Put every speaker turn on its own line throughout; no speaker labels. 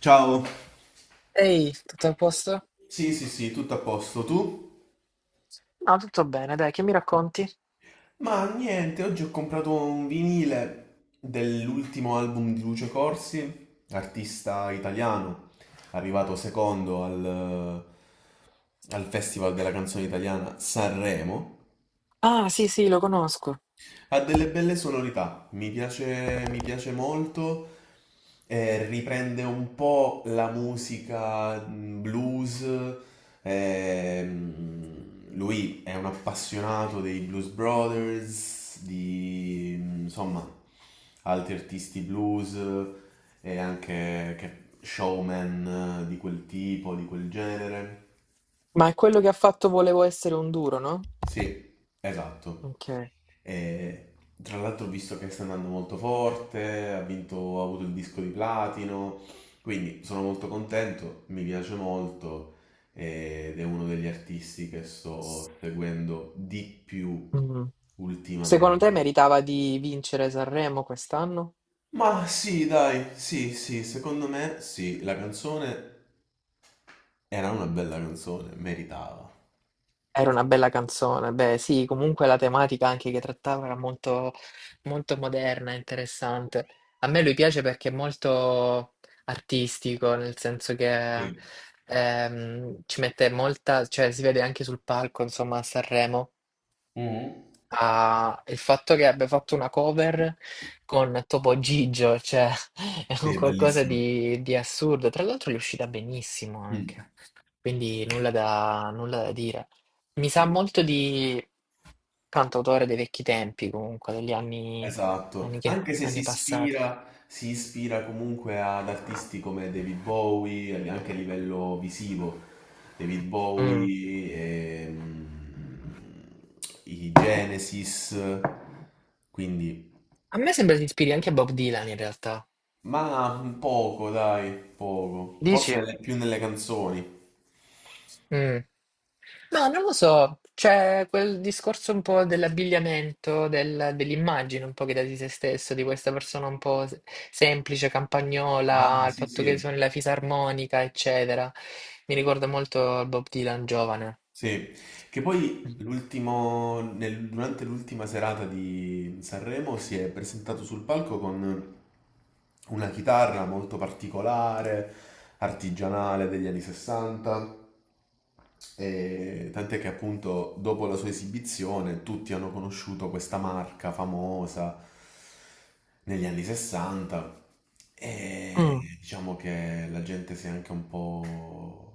Ciao.
Ehi, tutto a posto?
Sì, sì, sì, tutto a posto. Tu?
Ah, tutto bene, dai, che mi racconti?
Ma niente, oggi ho comprato un vinile dell'ultimo album di Lucio Corsi, artista italiano, arrivato secondo al Festival della canzone italiana Sanremo.
Ah, sì, sì, lo conosco.
Ha delle belle sonorità, mi piace molto. Riprende un po' la musica blues. ehm, lui è un appassionato dei Blues Brothers, di insomma altri artisti blues e anche showman di quel tipo, di quel genere.
Ma è quello che ha fatto Volevo essere un duro, no?
Sì, esatto.
Ok.
E, tra l'altro ho visto che sta andando molto forte, ha vinto, ha avuto il disco di platino, quindi sono molto contento, mi piace molto ed è uno degli artisti che sto seguendo di più
Mm. Secondo
ultimamente.
te meritava di vincere Sanremo quest'anno?
Ma sì, dai, sì, sì, secondo me sì, la canzone era una bella canzone, meritava.
Era una bella canzone. Beh, sì, comunque la tematica anche che trattava era molto moderna, interessante. A me lui piace perché è molto artistico, nel senso che
Sì.
ci mette molta, cioè si vede anche sul palco, insomma, a Sanremo.
Mhm.
Ah, il fatto che abbia fatto una cover con Topo Gigio, cioè è
Sì,
un
è
qualcosa
bellissimo.
di assurdo. Tra l'altro gli è uscita benissimo
Mm.
anche, quindi nulla da dire. Mi sa
Sì.
molto di cantautore dei vecchi tempi, comunque, degli anni,
Esatto, anche se si
anni passati.
ispira, si ispira comunque ad artisti come David Bowie, anche a livello visivo, David
Mm.
Bowie, ehm, i Genesis, quindi,
A me sembra si ispiri anche a Bob Dylan in realtà.
ma poco, dai, poco, forse
Dici?
più nelle canzoni.
Mm. No, non lo so, c'è quel discorso un po' dell'abbigliamento, dell'immagine un po' che dà di se stesso, di questa persona un po' semplice,
Ah,
campagnola, il
sì,
fatto che
sì.
suoni la fisarmonica, eccetera. Mi ricorda molto Bob Dylan giovane.
Sì, che poi l'ultimo, durante l'ultima serata di Sanremo si è presentato sul palco con una chitarra molto particolare, artigianale degli anni 60, e tant'è che appunto dopo la sua esibizione tutti hanno conosciuto questa marca famosa negli anni 60 e
Mm,
diciamo che la gente si è anche un po'.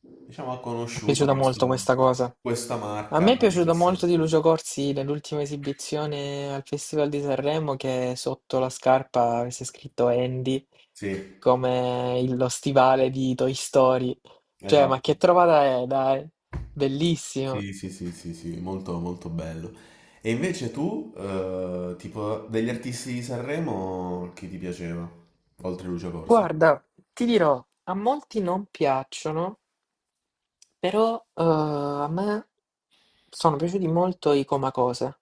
Diciamo ha
è
conosciuto
piaciuta molto questa cosa.
questa
A
marca
me è
anni
piaciuto molto di
60.
Lucio Corsi nell'ultima esibizione al Festival di Sanremo che sotto la scarpa avesse scritto Andy,
Sì,
come lo stivale di Toy Story. Cioè, ma
esatto.
che trovata è, dai? Bellissimo.
Sì, sì, sì, sì, sì, molto, molto bello. E invece tu, tipo, degli artisti di Sanremo, chi ti piaceva? Oltre Lucio Corsi.
Guarda, ti dirò, a molti non piacciono, però a me sono piaciuti molto i Comacose.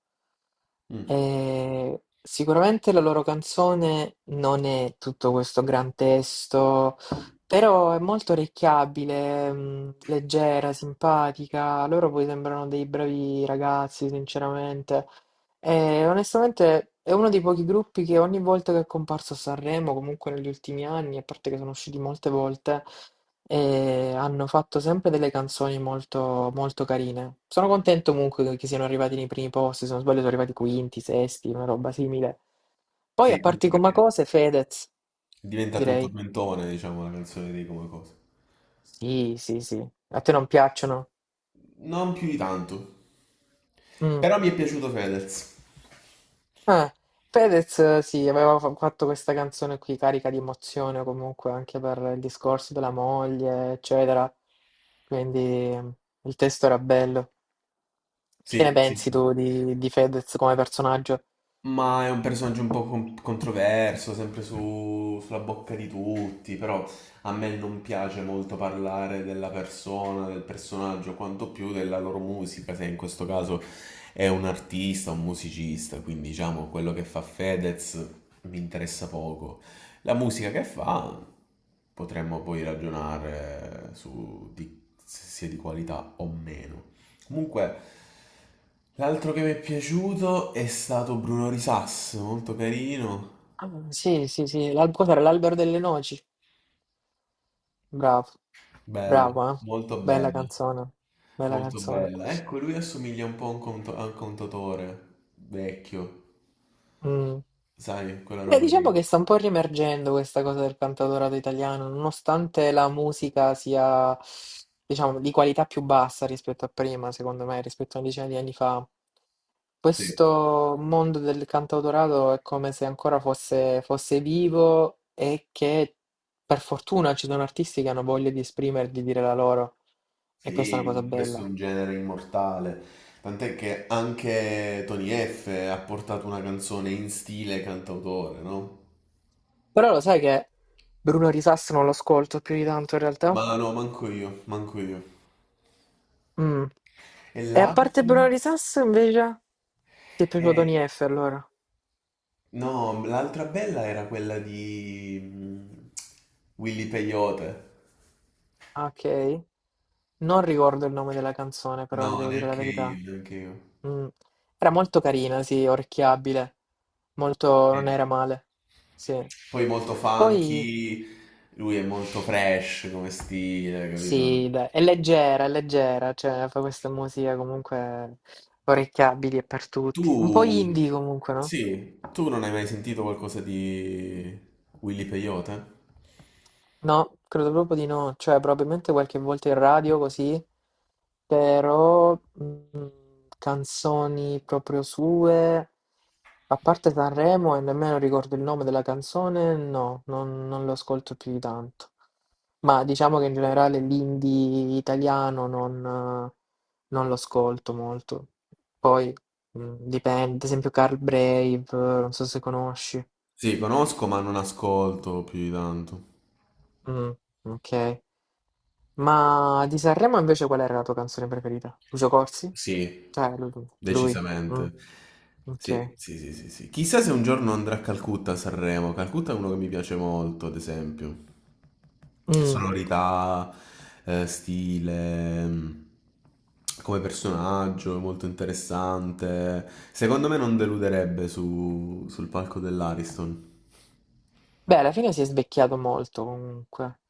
Mm.
Sicuramente la loro canzone non è tutto questo gran testo, però è molto orecchiabile, leggera, simpatica. Loro poi sembrano dei bravi ragazzi, sinceramente. E onestamente è uno dei pochi gruppi che ogni volta che è comparso a Sanremo, comunque negli ultimi anni, a parte che sono usciti molte volte e hanno fatto sempre delle canzoni molto carine. Sono contento comunque che siano arrivati nei primi posti, se non sbaglio sono arrivati quinti, sesti, una roba simile. Poi
Sì,
a parti
anche perché
come
è
cose, Fedez,
diventato un
direi.
tormentone, diciamo, la canzone di Come Cosa.
Sì, sì, sì. A te non piacciono?
Non più di tanto.
Mm.
Però mi è piaciuto Fedez.
Eh, Fedez, sì, aveva fatto questa canzone qui carica di emozione comunque anche per il discorso della moglie, eccetera. Quindi il testo era bello. Che ne
Sì, sì,
pensi
sì.
tu di Fedez come personaggio?
Ma è un personaggio un po' controverso, sempre sulla bocca di tutti, però a me non piace molto parlare della persona, del personaggio, quanto più della loro musica, se in questo caso è un artista, un musicista, quindi diciamo quello che fa Fedez mi interessa poco. La musica che fa potremmo poi ragionare su di, se sia di qualità o meno. Comunque, l'altro che mi è piaciuto è stato Bruno Risas, molto carino,
Ah, sì, sì, sì. Cos'era? L'albero delle noci. Bravo,
bello,
bravo, eh. Bella
bello,
canzone, bella
molto
canzone.
bella. Ecco, lui assomiglia un po' a un, a un contatore vecchio,
Mm.
sai, quella
Beh,
roba
diciamo
lì.
che sta un po' riemergendo questa cosa del cantautorato italiano, nonostante la musica sia, diciamo, di qualità più bassa rispetto a prima, secondo me, rispetto a una decina di anni fa.
Sì,
Questo mondo del cantautorato è come se ancora fosse vivo e che per fortuna ci sono artisti che hanno voglia di esprimere, di dire la loro. E questa è
sì,
una cosa
ma questo è
bella.
un genere immortale. Tant'è che anche Tony F ha portato una canzone in stile cantautore, no?
Però lo sai che Bruno Risassi non lo ascolto più di tanto in realtà?
Ma no, manco io, manco io.
Mm.
E
E a parte
l'altro?
Bronary Sass invece, ti è piaciuto Tony F allora?
No, l'altra bella era quella di Willy Peyote.
Ah, ok. Non ricordo il nome della canzone, però ti
No,
devo dire la
neanche io,
verità.
neanche io.
Mm. Era molto carina, sì, orecchiabile. Molto, non
Sì.
era male. Sì.
Poi molto
Poi,
funky, lui è molto fresh come stile, capito?
sì, dai, è leggera, cioè fa questa musica comunque orecchiabili e per tutti. Un po'
Tu,
indie comunque, no?
sì, tu non hai mai sentito qualcosa di Willy Peyote?
No, credo proprio di no, cioè probabilmente qualche volta in radio così, però canzoni proprio sue, a parte Sanremo e nemmeno ricordo il nome della canzone, no, non lo ascolto più di tanto. Ma diciamo che in generale l'indie italiano non lo ascolto molto. Poi dipende, ad esempio Carl Brave, non so se conosci.
Sì, conosco, ma non ascolto più di tanto.
Mm, ok. Ma di Sanremo invece qual era la tua canzone preferita? Lucio Corsi?
Sì,
Cioè, lui. Mm,
decisamente. Sì,
ok.
sì, sì, sì, sì. Chissà se un giorno andrà a Calcutta a Sanremo. Calcutta è uno che mi piace molto, ad esempio.
Mm.
Sonorità, stile, come personaggio, molto interessante. Secondo me non deluderebbe sul palco dell'Ariston.
Beh, alla fine si è svecchiato molto comunque.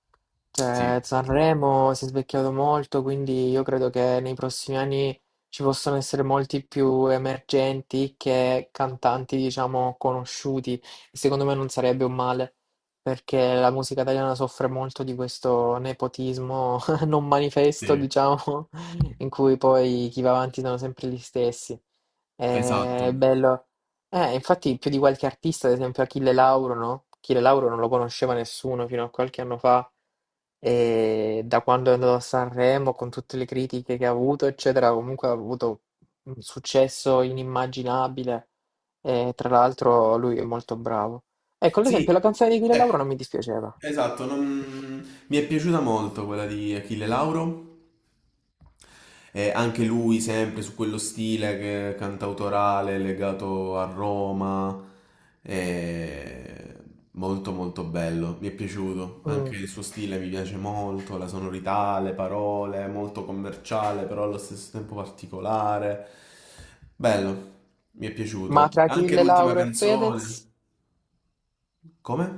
Cioè,
Sì,
Sanremo si è svecchiato molto, quindi io credo che nei prossimi anni ci possano essere molti più emergenti che cantanti, diciamo, conosciuti. E secondo me non sarebbe un male, perché la musica italiana soffre molto di questo nepotismo non manifesto,
sì,
diciamo, in cui poi chi va avanti sono sempre gli stessi. È
esatto.
bello. Infatti più di qualche artista, ad esempio Achille Lauro, no? Achille Lauro non lo conosceva nessuno fino a qualche anno fa e da quando è andato a Sanremo, con tutte le critiche che ha avuto, eccetera, comunque ha avuto un successo inimmaginabile e tra l'altro lui è molto bravo. Ecco, ad esempio
Sì,
la canzone di Achille
ecco,
Lauro non mi dispiaceva.
esatto. Mi è piaciuta molto quella di Achille Lauro. Anche lui sempre su quello stile cantautorale legato a Roma, eh, molto molto bello, mi è piaciuto,
Mm.
anche il suo stile mi piace molto, la sonorità, le parole, molto commerciale però allo stesso tempo particolare, bello, mi è
Ma
piaciuto.
tra
Anche
Achille
l'ultima
Lauro e
canzone,
Fedez,
come?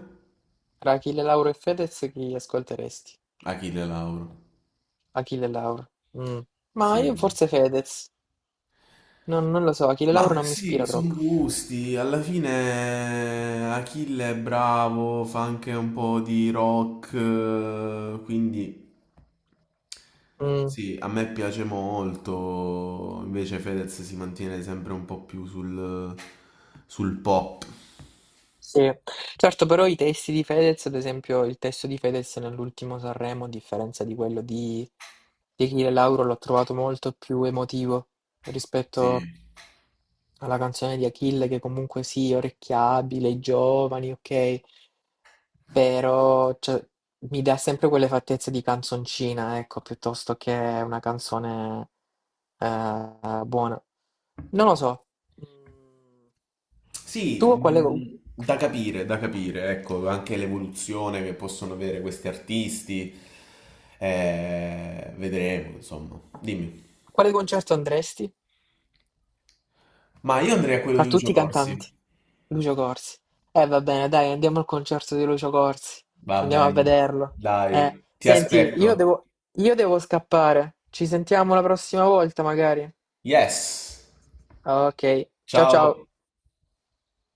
tra Achille Lauro e Fedez chi ascolteresti?
Achille Lauro,
Achille Lauro. Mm. Ma io
sì.
forse Fedez. Non lo so, Achille
Ma
Lauro non mi
sì,
ispira
sono
troppo.
gusti. Alla fine Achille è bravo, fa anche un po' di rock, quindi
Mm,
sì, a me piace molto. Invece Fedez si mantiene sempre un po' più sul, sul pop.
sì, certo, però i testi di Fedez, ad esempio, il testo di Fedez nell'ultimo Sanremo, a differenza di quello di Achille Lauro, l'ho trovato molto più emotivo
Sì.
rispetto alla canzone di Achille, che comunque sì, orecchiabile, giovani, ok, però cioè, mi dà sempre quelle fattezze di canzoncina, ecco, piuttosto che una canzone buona. Non lo so. Mm.
Sì,
Tu quale,
da capire, ecco, anche l'evoluzione che possono avere questi artisti. Vedremo, insomma. Dimmi.
Quale concerto andresti?
Ma io andrei a quello
Fra
di Lucio
tutti i
Corsi.
cantanti. Lucio Corsi. Va bene, dai, andiamo al concerto di Lucio Corsi.
Va
Andiamo a
bene,
vederlo.
dai, ti
Senti,
aspetto.
io devo scappare. Ci sentiamo la prossima volta, magari.
Yes.
Ok, ciao ciao.
Ciao.